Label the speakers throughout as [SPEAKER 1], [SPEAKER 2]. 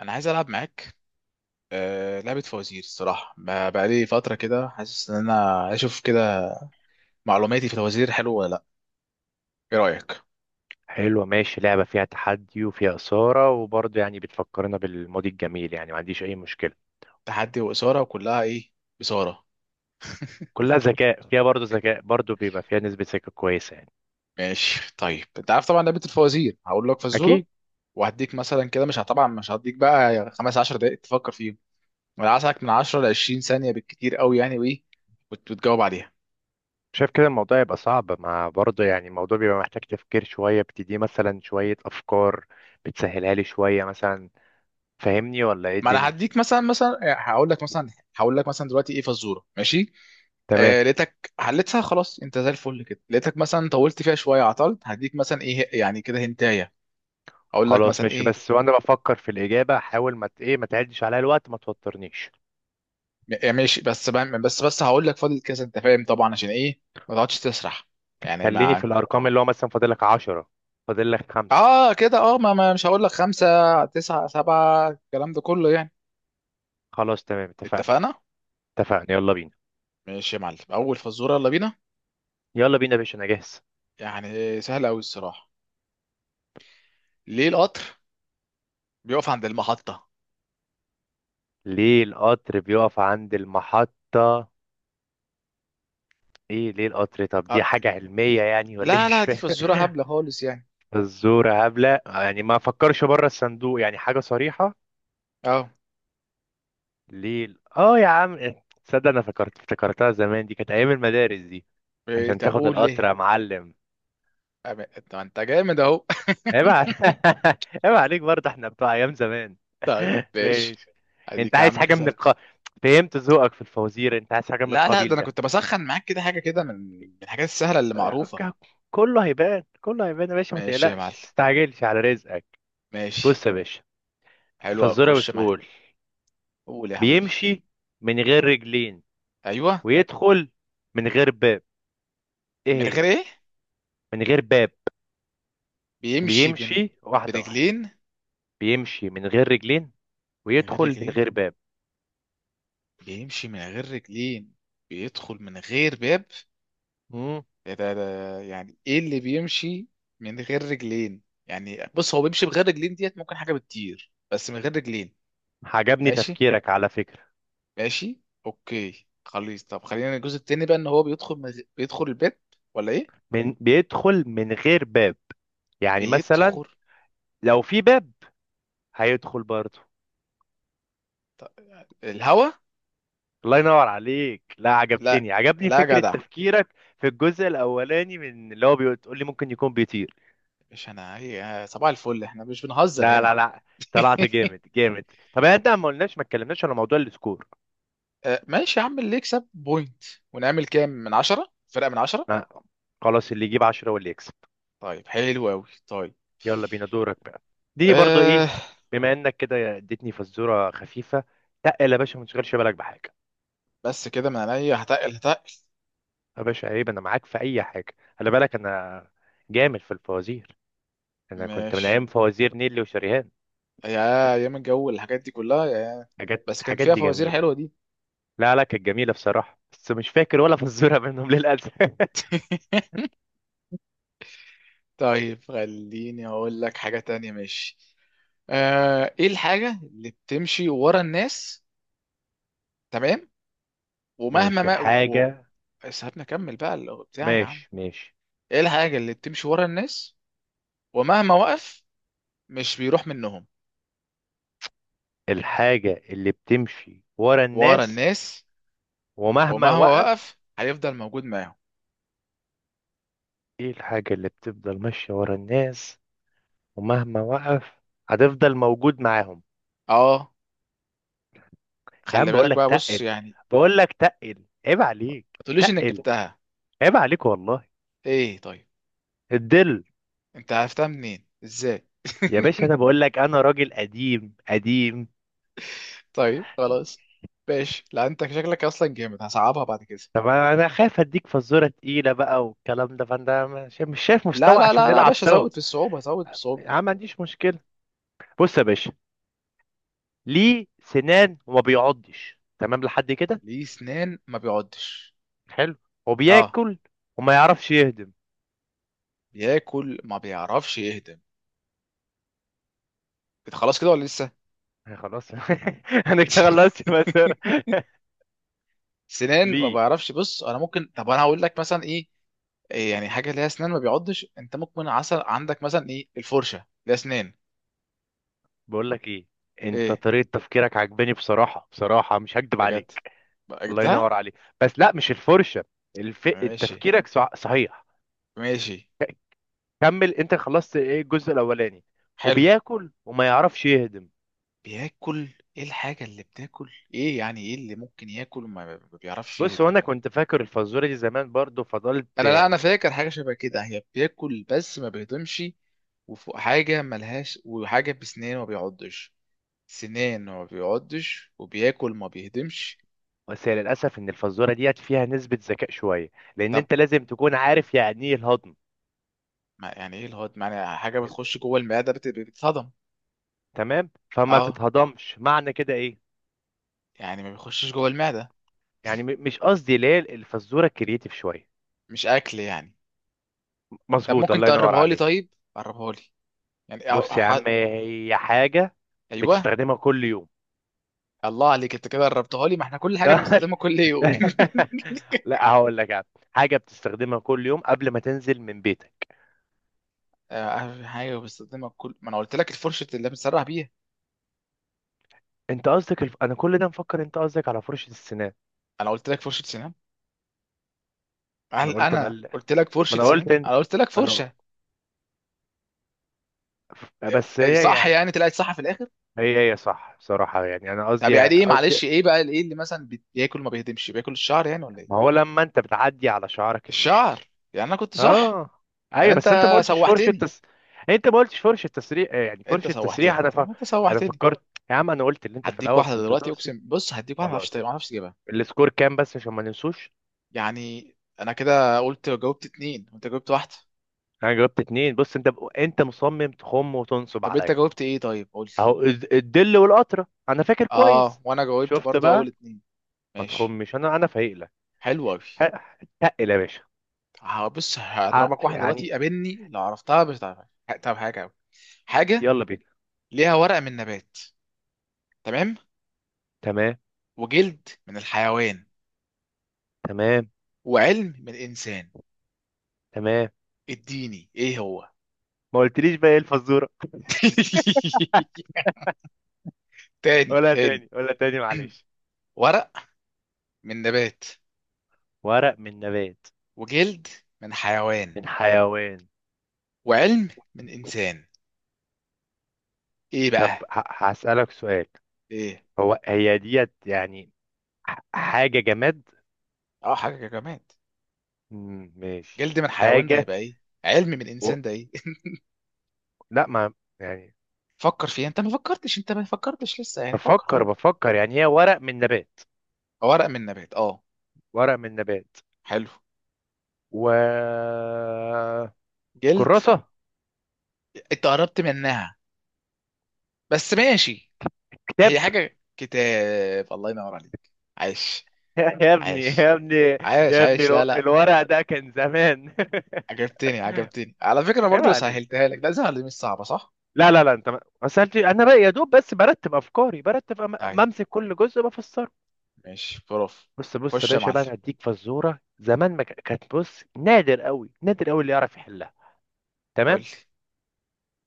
[SPEAKER 1] انا عايز العب معاك. لعبه فوازير الصراحه بقالي فتره كده حاسس ان انا اشوف كده. معلوماتي في الفوازير حلوه ولا لا؟ ايه رايك؟
[SPEAKER 2] حلوة، ماشي. لعبة فيها تحدي وفيها إثارة وبرضه يعني بتفكرنا بالماضي الجميل، يعني ما عنديش أي مشكلة.
[SPEAKER 1] تحدي واثاره وكلها ايه؟ بصاره.
[SPEAKER 2] كلها ذكاء، فيها برضه ذكاء، برضه بيبقى فيها نسبة ذكاء كويسة يعني.
[SPEAKER 1] ماشي. طيب انت عارف طبعا لعبه الفوازير هقول لك فزوره
[SPEAKER 2] أكيد.
[SPEAKER 1] وهديك مثلا كده مش ه- طبعا مش هديك بقى خمس عشر دقائق تفكر فيهم. انا عايزك من 10 ل 20 ثانيه بالكتير قوي يعني. وايه وتجاوب عليها.
[SPEAKER 2] شايف كده؟ الموضوع يبقى صعب، مع برضه يعني الموضوع بيبقى محتاج تفكير شوية. بتدي مثلا شوية أفكار، بتسهلها لي شوية مثلا؟ فاهمني ولا إيه
[SPEAKER 1] ما انا
[SPEAKER 2] الدنيا؟
[SPEAKER 1] هديك مثلا هقول لك مثلا. هقول لك مثلا دلوقتي ايه فزوره ماشي.
[SPEAKER 2] تمام.
[SPEAKER 1] آه لقيتك حلتها خلاص، انت زي الفل كده. لقيتك مثلا طولت فيها شويه عطلت، هديك مثلا ايه يعني كده هنتايه. هقول لك
[SPEAKER 2] خلاص
[SPEAKER 1] مثلا
[SPEAKER 2] ماشي،
[SPEAKER 1] ايه؟
[SPEAKER 2] بس وأنا بفكر في الإجابة حاول ما ت- إيه ما تعدش عليا الوقت، ما توترنيش.
[SPEAKER 1] ماشي. بس بقى- بس بس هقول لك فاضل كذا انت فاهم طبعا عشان ايه، ما تقعدش تسرح. يعني
[SPEAKER 2] خليني
[SPEAKER 1] ما.
[SPEAKER 2] في الأرقام، اللي هو مثلا فاضلك عشرة، فاضلك خمسة.
[SPEAKER 1] اه كده، اه مش هقول لك خمسة، تسعة، سبعة، الكلام ده كله يعني.
[SPEAKER 2] خلاص تمام، اتفقنا.
[SPEAKER 1] اتفقنا.
[SPEAKER 2] اتفقنا، يلا بينا.
[SPEAKER 1] ماشي يا معلم، اول فزوره، يلا بينا.
[SPEAKER 2] يلا بينا يا باشا، انا جاهز.
[SPEAKER 1] يعني سهله قوي الصراحه. ليه القطر بيقف عند المحطه؟
[SPEAKER 2] ليه القطر بيقف عند المحطة؟ ايه ليه القطر؟ طب دي
[SPEAKER 1] آه،
[SPEAKER 2] حاجة علمية يعني ولا ايه؟
[SPEAKER 1] لا
[SPEAKER 2] مش
[SPEAKER 1] لا، دي فزوره
[SPEAKER 2] فاهم.
[SPEAKER 1] هبله خالص يعني.
[SPEAKER 2] الزورة هبلة يعني، ما فكرش بره الصندوق، يعني حاجة صريحة.
[SPEAKER 1] اه.
[SPEAKER 2] ليه ال- اه يا عم، تصدق انا فكرت افتكرتها زمان، دي كانت ايام المدارس دي. عشان
[SPEAKER 1] طب
[SPEAKER 2] تاخد
[SPEAKER 1] قول
[SPEAKER 2] القطر يا
[SPEAKER 1] ليه.
[SPEAKER 2] معلم.
[SPEAKER 1] طب انت جامد اهو.
[SPEAKER 2] عيب عليك. عيب عليك، برضه احنا بتوع ايام زمان.
[SPEAKER 1] طيب ماشي.
[SPEAKER 2] ماشي. انت
[SPEAKER 1] اديك يا
[SPEAKER 2] عايز
[SPEAKER 1] عم
[SPEAKER 2] حاجة من
[SPEAKER 1] كسبت.
[SPEAKER 2] الق. فهمت ذوقك في الفوازير، انت عايز حاجة من
[SPEAKER 1] لا لا، ده
[SPEAKER 2] القبيل
[SPEAKER 1] انا
[SPEAKER 2] ده.
[SPEAKER 1] كنت بسخن معاك كده، حاجه كده من الحاجات السهله اللي معروفه.
[SPEAKER 2] ك- كله هيبان، كله هيبان يا باشا، ما
[SPEAKER 1] ماشي يا
[SPEAKER 2] تقلقش،
[SPEAKER 1] معلم.
[SPEAKER 2] ما تستعجلش على رزقك.
[SPEAKER 1] ماشي.
[SPEAKER 2] بص يا باشا،
[SPEAKER 1] حلو قوي،
[SPEAKER 2] الفزورة
[SPEAKER 1] خش معايا.
[SPEAKER 2] بتقول:
[SPEAKER 1] قول يا حبيبي.
[SPEAKER 2] بيمشي من غير رجلين،
[SPEAKER 1] ايوه.
[SPEAKER 2] ويدخل من غير باب. ايه
[SPEAKER 1] من غير
[SPEAKER 2] هي؟
[SPEAKER 1] ايه؟
[SPEAKER 2] من غير باب.
[SPEAKER 1] بيمشي بن...
[SPEAKER 2] بيمشي واحدة واحدة.
[SPEAKER 1] برجلين؟
[SPEAKER 2] بيمشي من غير رجلين،
[SPEAKER 1] من غير
[SPEAKER 2] ويدخل من
[SPEAKER 1] رجلين؟
[SPEAKER 2] غير باب.
[SPEAKER 1] بيمشي من غير رجلين، بيدخل من غير باب.
[SPEAKER 2] امم.
[SPEAKER 1] ده ده ده يعني ايه اللي بيمشي من غير رجلين؟ يعني بص هو بيمشي بغير رجلين، ديت ممكن حاجة بتطير بس من غير رجلين.
[SPEAKER 2] عجبني
[SPEAKER 1] ماشي.
[SPEAKER 2] تفكيرك على فكرة.
[SPEAKER 1] ماشي. اوكي خلاص، طب خلينا الجزء التاني بقى، ان هو بيدخل بيدخل البيت ولا ايه؟
[SPEAKER 2] من بيدخل من غير باب؟ يعني مثلا
[SPEAKER 1] بيدخل.
[SPEAKER 2] لو في باب هيدخل برضه.
[SPEAKER 1] الهوا.
[SPEAKER 2] الله ينور عليك. لا،
[SPEAKER 1] لا
[SPEAKER 2] عجبتني، عجبني
[SPEAKER 1] لا يا
[SPEAKER 2] فكرة
[SPEAKER 1] جدع.
[SPEAKER 2] تفكيرك في الجزء الأولاني من اللي هو بتقول لي ممكن يكون بيطير.
[SPEAKER 1] مش انا، هي صباح الفل، احنا مش بنهزر
[SPEAKER 2] لا
[SPEAKER 1] هنا.
[SPEAKER 2] لا لا، طلعت جامد جامد. طب يعني انت، ما قلناش، ما اتكلمناش على موضوع السكور.
[SPEAKER 1] ماشي يا عم، اللي يكسب بوينت. ونعمل كام؟ من عشرة؟ فرقة من عشرة؟
[SPEAKER 2] لا. خلاص، اللي يجيب 10 واللي يكسب.
[SPEAKER 1] طيب حلو قوي طيب.
[SPEAKER 2] يلا بينا، دورك بقى. دي برضو
[SPEAKER 1] أه.
[SPEAKER 2] ايه؟ بما انك كده اديتني فزورة خفيفة، تقل يا باشا، ما تشغلش بالك بحاجة.
[SPEAKER 1] بس كده من عينيا، هتقل هتقل.
[SPEAKER 2] يا باشا عيب، انا معاك في اي حاجة، خلي بالك انا جامد في الفوازير. انا كنت من
[SPEAKER 1] ماشي.
[SPEAKER 2] ايام فوازير نيلي وشريهان.
[SPEAKER 1] يا ايام الجو والحاجات دي كلها يا.
[SPEAKER 2] حاجات،
[SPEAKER 1] بس كان
[SPEAKER 2] حاجات
[SPEAKER 1] فيها
[SPEAKER 2] دي
[SPEAKER 1] فوازير
[SPEAKER 2] جميلة.
[SPEAKER 1] حلوه دي.
[SPEAKER 2] لا لا، كانت جميلة بصراحة، بس مش فاكر ولا فزورة منهم للأسف.
[SPEAKER 1] طيب خليني اقول لك حاجه تانية، ماشي. آه، ايه الحاجه اللي بتمشي ورا الناس؟ تمام. ومهما
[SPEAKER 2] ماشي
[SPEAKER 1] ما و...
[SPEAKER 2] الحاجة.
[SPEAKER 1] سيبني اكمل بقى بتاعي يا عم.
[SPEAKER 2] ماشي ماشي،
[SPEAKER 1] ايه الحاجه اللي بتمشي ورا الناس ومهما وقف مش بيروح منهم؟
[SPEAKER 2] الحاجة اللي بتمشي ورا
[SPEAKER 1] ورا
[SPEAKER 2] الناس
[SPEAKER 1] الناس،
[SPEAKER 2] ومهما
[SPEAKER 1] ومهما
[SPEAKER 2] وقف.
[SPEAKER 1] وقف هيفضل موجود معاهم.
[SPEAKER 2] ايه الحاجة اللي بتفضل ماشية ورا الناس، ومهما وقف هتفضل موجود معاهم.
[SPEAKER 1] اه.
[SPEAKER 2] يا عم
[SPEAKER 1] خلي
[SPEAKER 2] بقول
[SPEAKER 1] بالك
[SPEAKER 2] لك
[SPEAKER 1] بقى، بص
[SPEAKER 2] تقل،
[SPEAKER 1] يعني.
[SPEAKER 2] بقول لك تقل، عيب عليك
[SPEAKER 1] ما تقوليش انك
[SPEAKER 2] تقل،
[SPEAKER 1] جبتها.
[SPEAKER 2] عيب عليك والله.
[SPEAKER 1] ايه؟ طيب،
[SPEAKER 2] الدل.
[SPEAKER 1] انت عرفتها منين ازاي؟
[SPEAKER 2] يا باشا انا بقول لك، انا راجل قديم قديم.
[SPEAKER 1] طيب خلاص. ماشي، لا انت شكلك اصلا جامد، هصعبها بعد كده.
[SPEAKER 2] طب انا خايف اديك فزوره تقيله بقى والكلام ده، فانا مش شايف
[SPEAKER 1] لا
[SPEAKER 2] مستوى
[SPEAKER 1] لا
[SPEAKER 2] عشان
[SPEAKER 1] لا لا يا
[SPEAKER 2] نلعب
[SPEAKER 1] باشا،
[SPEAKER 2] سوا.
[SPEAKER 1] زود في الصعوبه، زود في الصعوبه.
[SPEAKER 2] يا عم، ما عنديش مشكله. بص يا باشا، ليه سنان وما بيعضش؟ تمام لحد كده.
[SPEAKER 1] ليه سنان ما بيعضش؟
[SPEAKER 2] حلو.
[SPEAKER 1] اه.
[SPEAKER 2] وبياكل وما يعرفش يهضم.
[SPEAKER 1] بياكل ما بيعرفش يهضم؟ كده خلاص، كده ولا لسه؟
[SPEAKER 2] آه، خلاص. انا كده خلصت المسيره.
[SPEAKER 1] سنان ما
[SPEAKER 2] ليه؟
[SPEAKER 1] بيعرفش. بص، انا ممكن. طب انا هقول لك مثلا ايه، يعني حاجه ليها اسنان ما بيعضش، انت ممكن عسل عندك مثلا، ايه، الفرشه ليها اسنان.
[SPEAKER 2] بقول لك ايه، انت
[SPEAKER 1] ايه؟
[SPEAKER 2] طريقه تفكيرك عجباني بصراحه بصراحه، مش هكدب
[SPEAKER 1] بجد؟
[SPEAKER 2] عليك.
[SPEAKER 1] بقى
[SPEAKER 2] الله ينور
[SPEAKER 1] جبتها؟
[SPEAKER 2] عليك. بس لا، مش الفرشه. الف.
[SPEAKER 1] ماشي.
[SPEAKER 2] تفكيرك صح. صحيح.
[SPEAKER 1] ماشي.
[SPEAKER 2] كمل، انت خلصت ايه الجزء الاولاني.
[SPEAKER 1] حلو.
[SPEAKER 2] وبياكل وما يعرفش يهضم.
[SPEAKER 1] بياكل. ايه الحاجة اللي بتاكل، ايه يعني، ايه اللي ممكن ياكل وما ما بيعرفش
[SPEAKER 2] بص
[SPEAKER 1] يهضم؟
[SPEAKER 2] وانا كنت فاكر الفزوره دي زمان برضو، فضلت
[SPEAKER 1] انا، لا انا
[SPEAKER 2] يعني.
[SPEAKER 1] فاكر حاجة شبه كده، هي بياكل بس ما بيهضمش وفوق حاجة ملهاش. وحاجة بسنان ما بيعضش، سنان ما بيعضش وبياكل ما بيهضمش.
[SPEAKER 2] بس هي للاسف ان الفزوره ديت فيها نسبه ذكاء شويه، لان
[SPEAKER 1] طب
[SPEAKER 2] انت لازم تكون عارف يعني ايه الهضم.
[SPEAKER 1] ما يعني ايه الهضم؟ يعني حاجة
[SPEAKER 2] ال-
[SPEAKER 1] بتخش جوه المعدة بتتهضم.
[SPEAKER 2] تمام، فما
[SPEAKER 1] اه،
[SPEAKER 2] تتهضمش، معنى كده ايه؟
[SPEAKER 1] يعني ما بيخشش جوه المعدة،
[SPEAKER 2] مش قصدي. ليه الفزوره كرييتيف شويه.
[SPEAKER 1] مش اكل يعني. طب
[SPEAKER 2] مظبوط،
[SPEAKER 1] ممكن
[SPEAKER 2] الله ينور
[SPEAKER 1] تقربها لي؟
[SPEAKER 2] عليك.
[SPEAKER 1] طيب قربها لي يعني
[SPEAKER 2] بص يا عم، هي حاجه
[SPEAKER 1] ايوه.
[SPEAKER 2] بتستخدمها كل يوم.
[SPEAKER 1] الله عليك، انت كده قربتها لي، ما احنا كل حاجه بنستخدمها كل يوم.
[SPEAKER 2] لا، هقول لك يعني. حاجه بتستخدمها كل يوم قبل ما تنزل من بيتك.
[SPEAKER 1] حاجه بستخدمها كل، ما انا قلت لك الفرشه اللي بنسرح بيها.
[SPEAKER 2] انت قصدك الف. انا كل ده مفكر انت قصدك على فرشه السنان.
[SPEAKER 1] انا قلت لك فرشه سنان؟
[SPEAKER 2] انا
[SPEAKER 1] هل
[SPEAKER 2] قلت بقى،
[SPEAKER 1] انا
[SPEAKER 2] ما
[SPEAKER 1] قلت لك فرشه
[SPEAKER 2] انا قلت
[SPEAKER 1] سنان؟
[SPEAKER 2] انت،
[SPEAKER 1] انا قلت لك
[SPEAKER 2] ما انا
[SPEAKER 1] فرشه.
[SPEAKER 2] بس هي
[SPEAKER 1] صح،
[SPEAKER 2] يعني،
[SPEAKER 1] يعني طلعت صح في الاخر.
[SPEAKER 2] هي صح صراحه يعني، انا قصدي
[SPEAKER 1] طب يعني
[SPEAKER 2] يعني،
[SPEAKER 1] ايه،
[SPEAKER 2] قصدي.
[SPEAKER 1] معلش، ايه بقى، ايه اللي مثلا بياكل ما بيهدمش، بياكل الشعر يعني ولا
[SPEAKER 2] ما
[SPEAKER 1] ايه؟
[SPEAKER 2] هو لما انت بتعدي على شعرك المشط.
[SPEAKER 1] الشعر، يعني انا كنت صح.
[SPEAKER 2] اه.
[SPEAKER 1] يعني
[SPEAKER 2] ايوه،
[SPEAKER 1] انت
[SPEAKER 2] بس انت ما قلتش فرشه
[SPEAKER 1] سوحتني.
[SPEAKER 2] تس. انت ما قلتش فرشه تسريح، يعني
[SPEAKER 1] انت
[SPEAKER 2] فرشه تسريح
[SPEAKER 1] سوحتني،
[SPEAKER 2] انا
[SPEAKER 1] طب
[SPEAKER 2] ف.
[SPEAKER 1] انت
[SPEAKER 2] انا
[SPEAKER 1] سوحتني.
[SPEAKER 2] فكرت. يا عم انا قلت اللي انت في
[SPEAKER 1] هديك
[SPEAKER 2] الاول
[SPEAKER 1] واحده
[SPEAKER 2] كنت
[SPEAKER 1] دلوقتي،
[SPEAKER 2] تقصد.
[SPEAKER 1] اقسم، بص هديك واحده ما اعرفش،
[SPEAKER 2] خلاص
[SPEAKER 1] ما
[SPEAKER 2] يعني.
[SPEAKER 1] اعرفش اجيبها.
[SPEAKER 2] السكور كام بس عشان ما ننسوش؟
[SPEAKER 1] يعني انا كده قلت جاوبت اتنين وانت جاوبت واحده.
[SPEAKER 2] انا جاوبت اتنين. بص انت انت مصمم تخم وتنصب
[SPEAKER 1] طب انت
[SPEAKER 2] عليا.
[SPEAKER 1] جاوبت ايه طيب، قول لي.
[SPEAKER 2] اهو الدل والقطره، انا فاكر
[SPEAKER 1] اه،
[SPEAKER 2] كويس.
[SPEAKER 1] وانا جاوبت
[SPEAKER 2] شفت
[SPEAKER 1] برضو اول
[SPEAKER 2] بقى؟
[SPEAKER 1] اتنين.
[SPEAKER 2] ما
[SPEAKER 1] ماشي.
[SPEAKER 2] تخمش، انا فايق لك.
[SPEAKER 1] حلو قوي.
[SPEAKER 2] ه- تقل يا باشا.
[SPEAKER 1] بص
[SPEAKER 2] ع-
[SPEAKER 1] هضربك واحده
[SPEAKER 2] يعني
[SPEAKER 1] دلوقتي، قابلني لو عرفتها، مش هتعرفها. طب حاجه أوي. حاجه
[SPEAKER 2] يلا بينا.
[SPEAKER 1] ليها ورق من نبات، تمام،
[SPEAKER 2] تمام.
[SPEAKER 1] وجلد من الحيوان،
[SPEAKER 2] تمام.
[SPEAKER 1] وعلم من الانسان.
[SPEAKER 2] تمام.
[SPEAKER 1] اديني ايه هو؟
[SPEAKER 2] ما قلتليش بقى ايه الفزوره؟
[SPEAKER 1] تاني
[SPEAKER 2] ولا
[SPEAKER 1] تاني.
[SPEAKER 2] تاني ولا تاني معلش.
[SPEAKER 1] ورق من نبات،
[SPEAKER 2] ورق من نبات.
[SPEAKER 1] وجلد من حيوان،
[SPEAKER 2] من حيوان.
[SPEAKER 1] وعلم من انسان. ايه
[SPEAKER 2] طب
[SPEAKER 1] بقى؟
[SPEAKER 2] هسألك سؤال،
[SPEAKER 1] ايه؟
[SPEAKER 2] هو هي ديت يعني حاجه جماد؟
[SPEAKER 1] اه حاجه كمان.
[SPEAKER 2] مم، ماشي.
[SPEAKER 1] جلد من حيوان ده
[SPEAKER 2] حاجه.
[SPEAKER 1] هيبقى ايه؟ علم من
[SPEAKER 2] و.
[SPEAKER 1] انسان ده ايه؟
[SPEAKER 2] لا ما يعني.
[SPEAKER 1] فكر فيها، انت ما فكرتش، انت ما فكرتش لسه يعني، فكر،
[SPEAKER 2] بفكر
[SPEAKER 1] خد.
[SPEAKER 2] بفكر يعني، هي ورق من نبات.
[SPEAKER 1] ورق من نبات. اه.
[SPEAKER 2] ورق من نبات،
[SPEAKER 1] حلو.
[SPEAKER 2] و.
[SPEAKER 1] جلد.
[SPEAKER 2] كراسة.
[SPEAKER 1] انت قربت منها بس، ماشي.
[SPEAKER 2] كتاب.
[SPEAKER 1] هي حاجة كتاب؟ الله ينور عليك. عايش.
[SPEAKER 2] يا ابني،
[SPEAKER 1] عايش
[SPEAKER 2] يا ابني.
[SPEAKER 1] عايش
[SPEAKER 2] يا ابني
[SPEAKER 1] عايش لا لا.
[SPEAKER 2] الورق ده كان زمان.
[SPEAKER 1] عجبتني، عجبتني على فكرة.
[SPEAKER 2] عيب
[SPEAKER 1] برضه
[SPEAKER 2] عليك.
[SPEAKER 1] سهلتها لك، ده سهل مش صعبة صح؟
[SPEAKER 2] لا لا لا، انت ما سألتش، انا بقى يا دوب بس برتب افكاري،
[SPEAKER 1] ايوه.
[SPEAKER 2] بمسك كل جزء بفسره.
[SPEAKER 1] ماشي بروف.
[SPEAKER 2] بص بص يا
[SPEAKER 1] خش يا
[SPEAKER 2] باشا
[SPEAKER 1] معلم.
[SPEAKER 2] بقى، انا هديك فزوره زمان ما كانت. بص نادر قوي، نادر قوي اللي يعرف يحلها.
[SPEAKER 1] قول
[SPEAKER 2] تمام.
[SPEAKER 1] لي.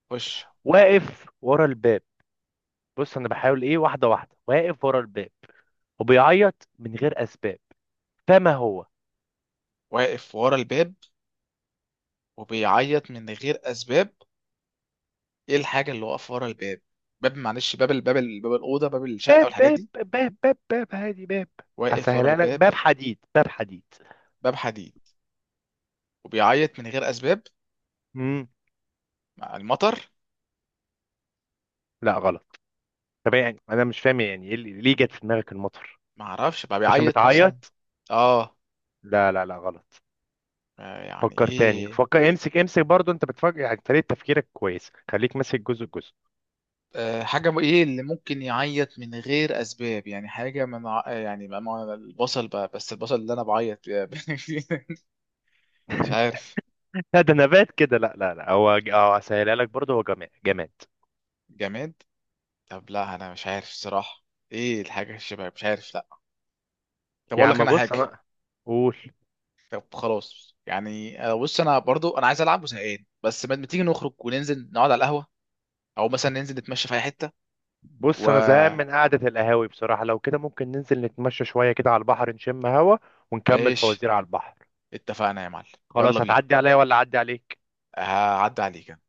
[SPEAKER 1] خش.
[SPEAKER 2] واقف ورا الباب. بص انا بحاول، ايه، واحده واحده. واقف ورا الباب، وبيعيط من غير اسباب. فما هو.
[SPEAKER 1] واقف ورا الباب وبيعيط من غير اسباب. ايه الحاجه اللي واقف ورا الباب؟ باب معلش، باب، الباب، باب الاوضه، باب الشقه
[SPEAKER 2] باب
[SPEAKER 1] والحاجات
[SPEAKER 2] باب
[SPEAKER 1] دي.
[SPEAKER 2] باب باب باب، هادي باب.
[SPEAKER 1] واقف ورا
[SPEAKER 2] هسهلها لك،
[SPEAKER 1] الباب.
[SPEAKER 2] باب حديد، باب حديد.
[SPEAKER 1] باب حديد. وبيعيط من غير اسباب.
[SPEAKER 2] امم.
[SPEAKER 1] مع المطر.
[SPEAKER 2] لا، غلط. طب يعني انا مش فاهم، يعني ايه ليه جت في دماغك المطر؟
[SPEAKER 1] ما اعرفش بقى،
[SPEAKER 2] عشان
[SPEAKER 1] بيعيط مثلا.
[SPEAKER 2] بتعيط.
[SPEAKER 1] اه.
[SPEAKER 2] لا لا لا، غلط.
[SPEAKER 1] يعني
[SPEAKER 2] فكر تاني،
[SPEAKER 1] ايه؟
[SPEAKER 2] فكر امسك امسك برضو. انت بتفكر يعني طريقة تفكيرك كويس، خليك ماسك جزء جزء.
[SPEAKER 1] آه، ايه اللي ممكن يعيط من غير اسباب، يعني حاجه من ع- آه، يعني البصل بقى، بس البصل اللي انا بعيط بيه. مش عارف.
[SPEAKER 2] لا ده نبات كده. لا لا لا، هو هسهلها لك برضو. هو جماد جماد.
[SPEAKER 1] جماد. طب لا انا مش عارف الصراحه. ايه الحاجه، الشباب، مش عارف لا. طب
[SPEAKER 2] يا
[SPEAKER 1] اقول لك
[SPEAKER 2] عم
[SPEAKER 1] انا
[SPEAKER 2] بص
[SPEAKER 1] حاجه.
[SPEAKER 2] انا. قول.
[SPEAKER 1] طب خلاص يعني، بص انا برضو انا عايز العب وزهقان، بس ما ما تيجي نخرج وننزل نقعد على القهوه، او مثلا ننزل نتمشى في اي حته.
[SPEAKER 2] بص انا زهقان من قعده القهاوي بصراحه، لو كده ممكن ننزل نتمشى شويه كده على البحر، نشم هوا، ونكمل
[SPEAKER 1] وماشي.
[SPEAKER 2] فوازير على البحر.
[SPEAKER 1] اتفقنا يا معلم. يلا
[SPEAKER 2] خلاص.
[SPEAKER 1] بينا.
[SPEAKER 2] هتعدي عليا ولا اعدي عليك؟
[SPEAKER 1] هعدي عليك أنا.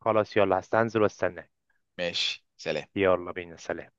[SPEAKER 2] خلاص يلا، هستنزل واستناك.
[SPEAKER 1] ماشي سلام.
[SPEAKER 2] يلا بينا، سلام.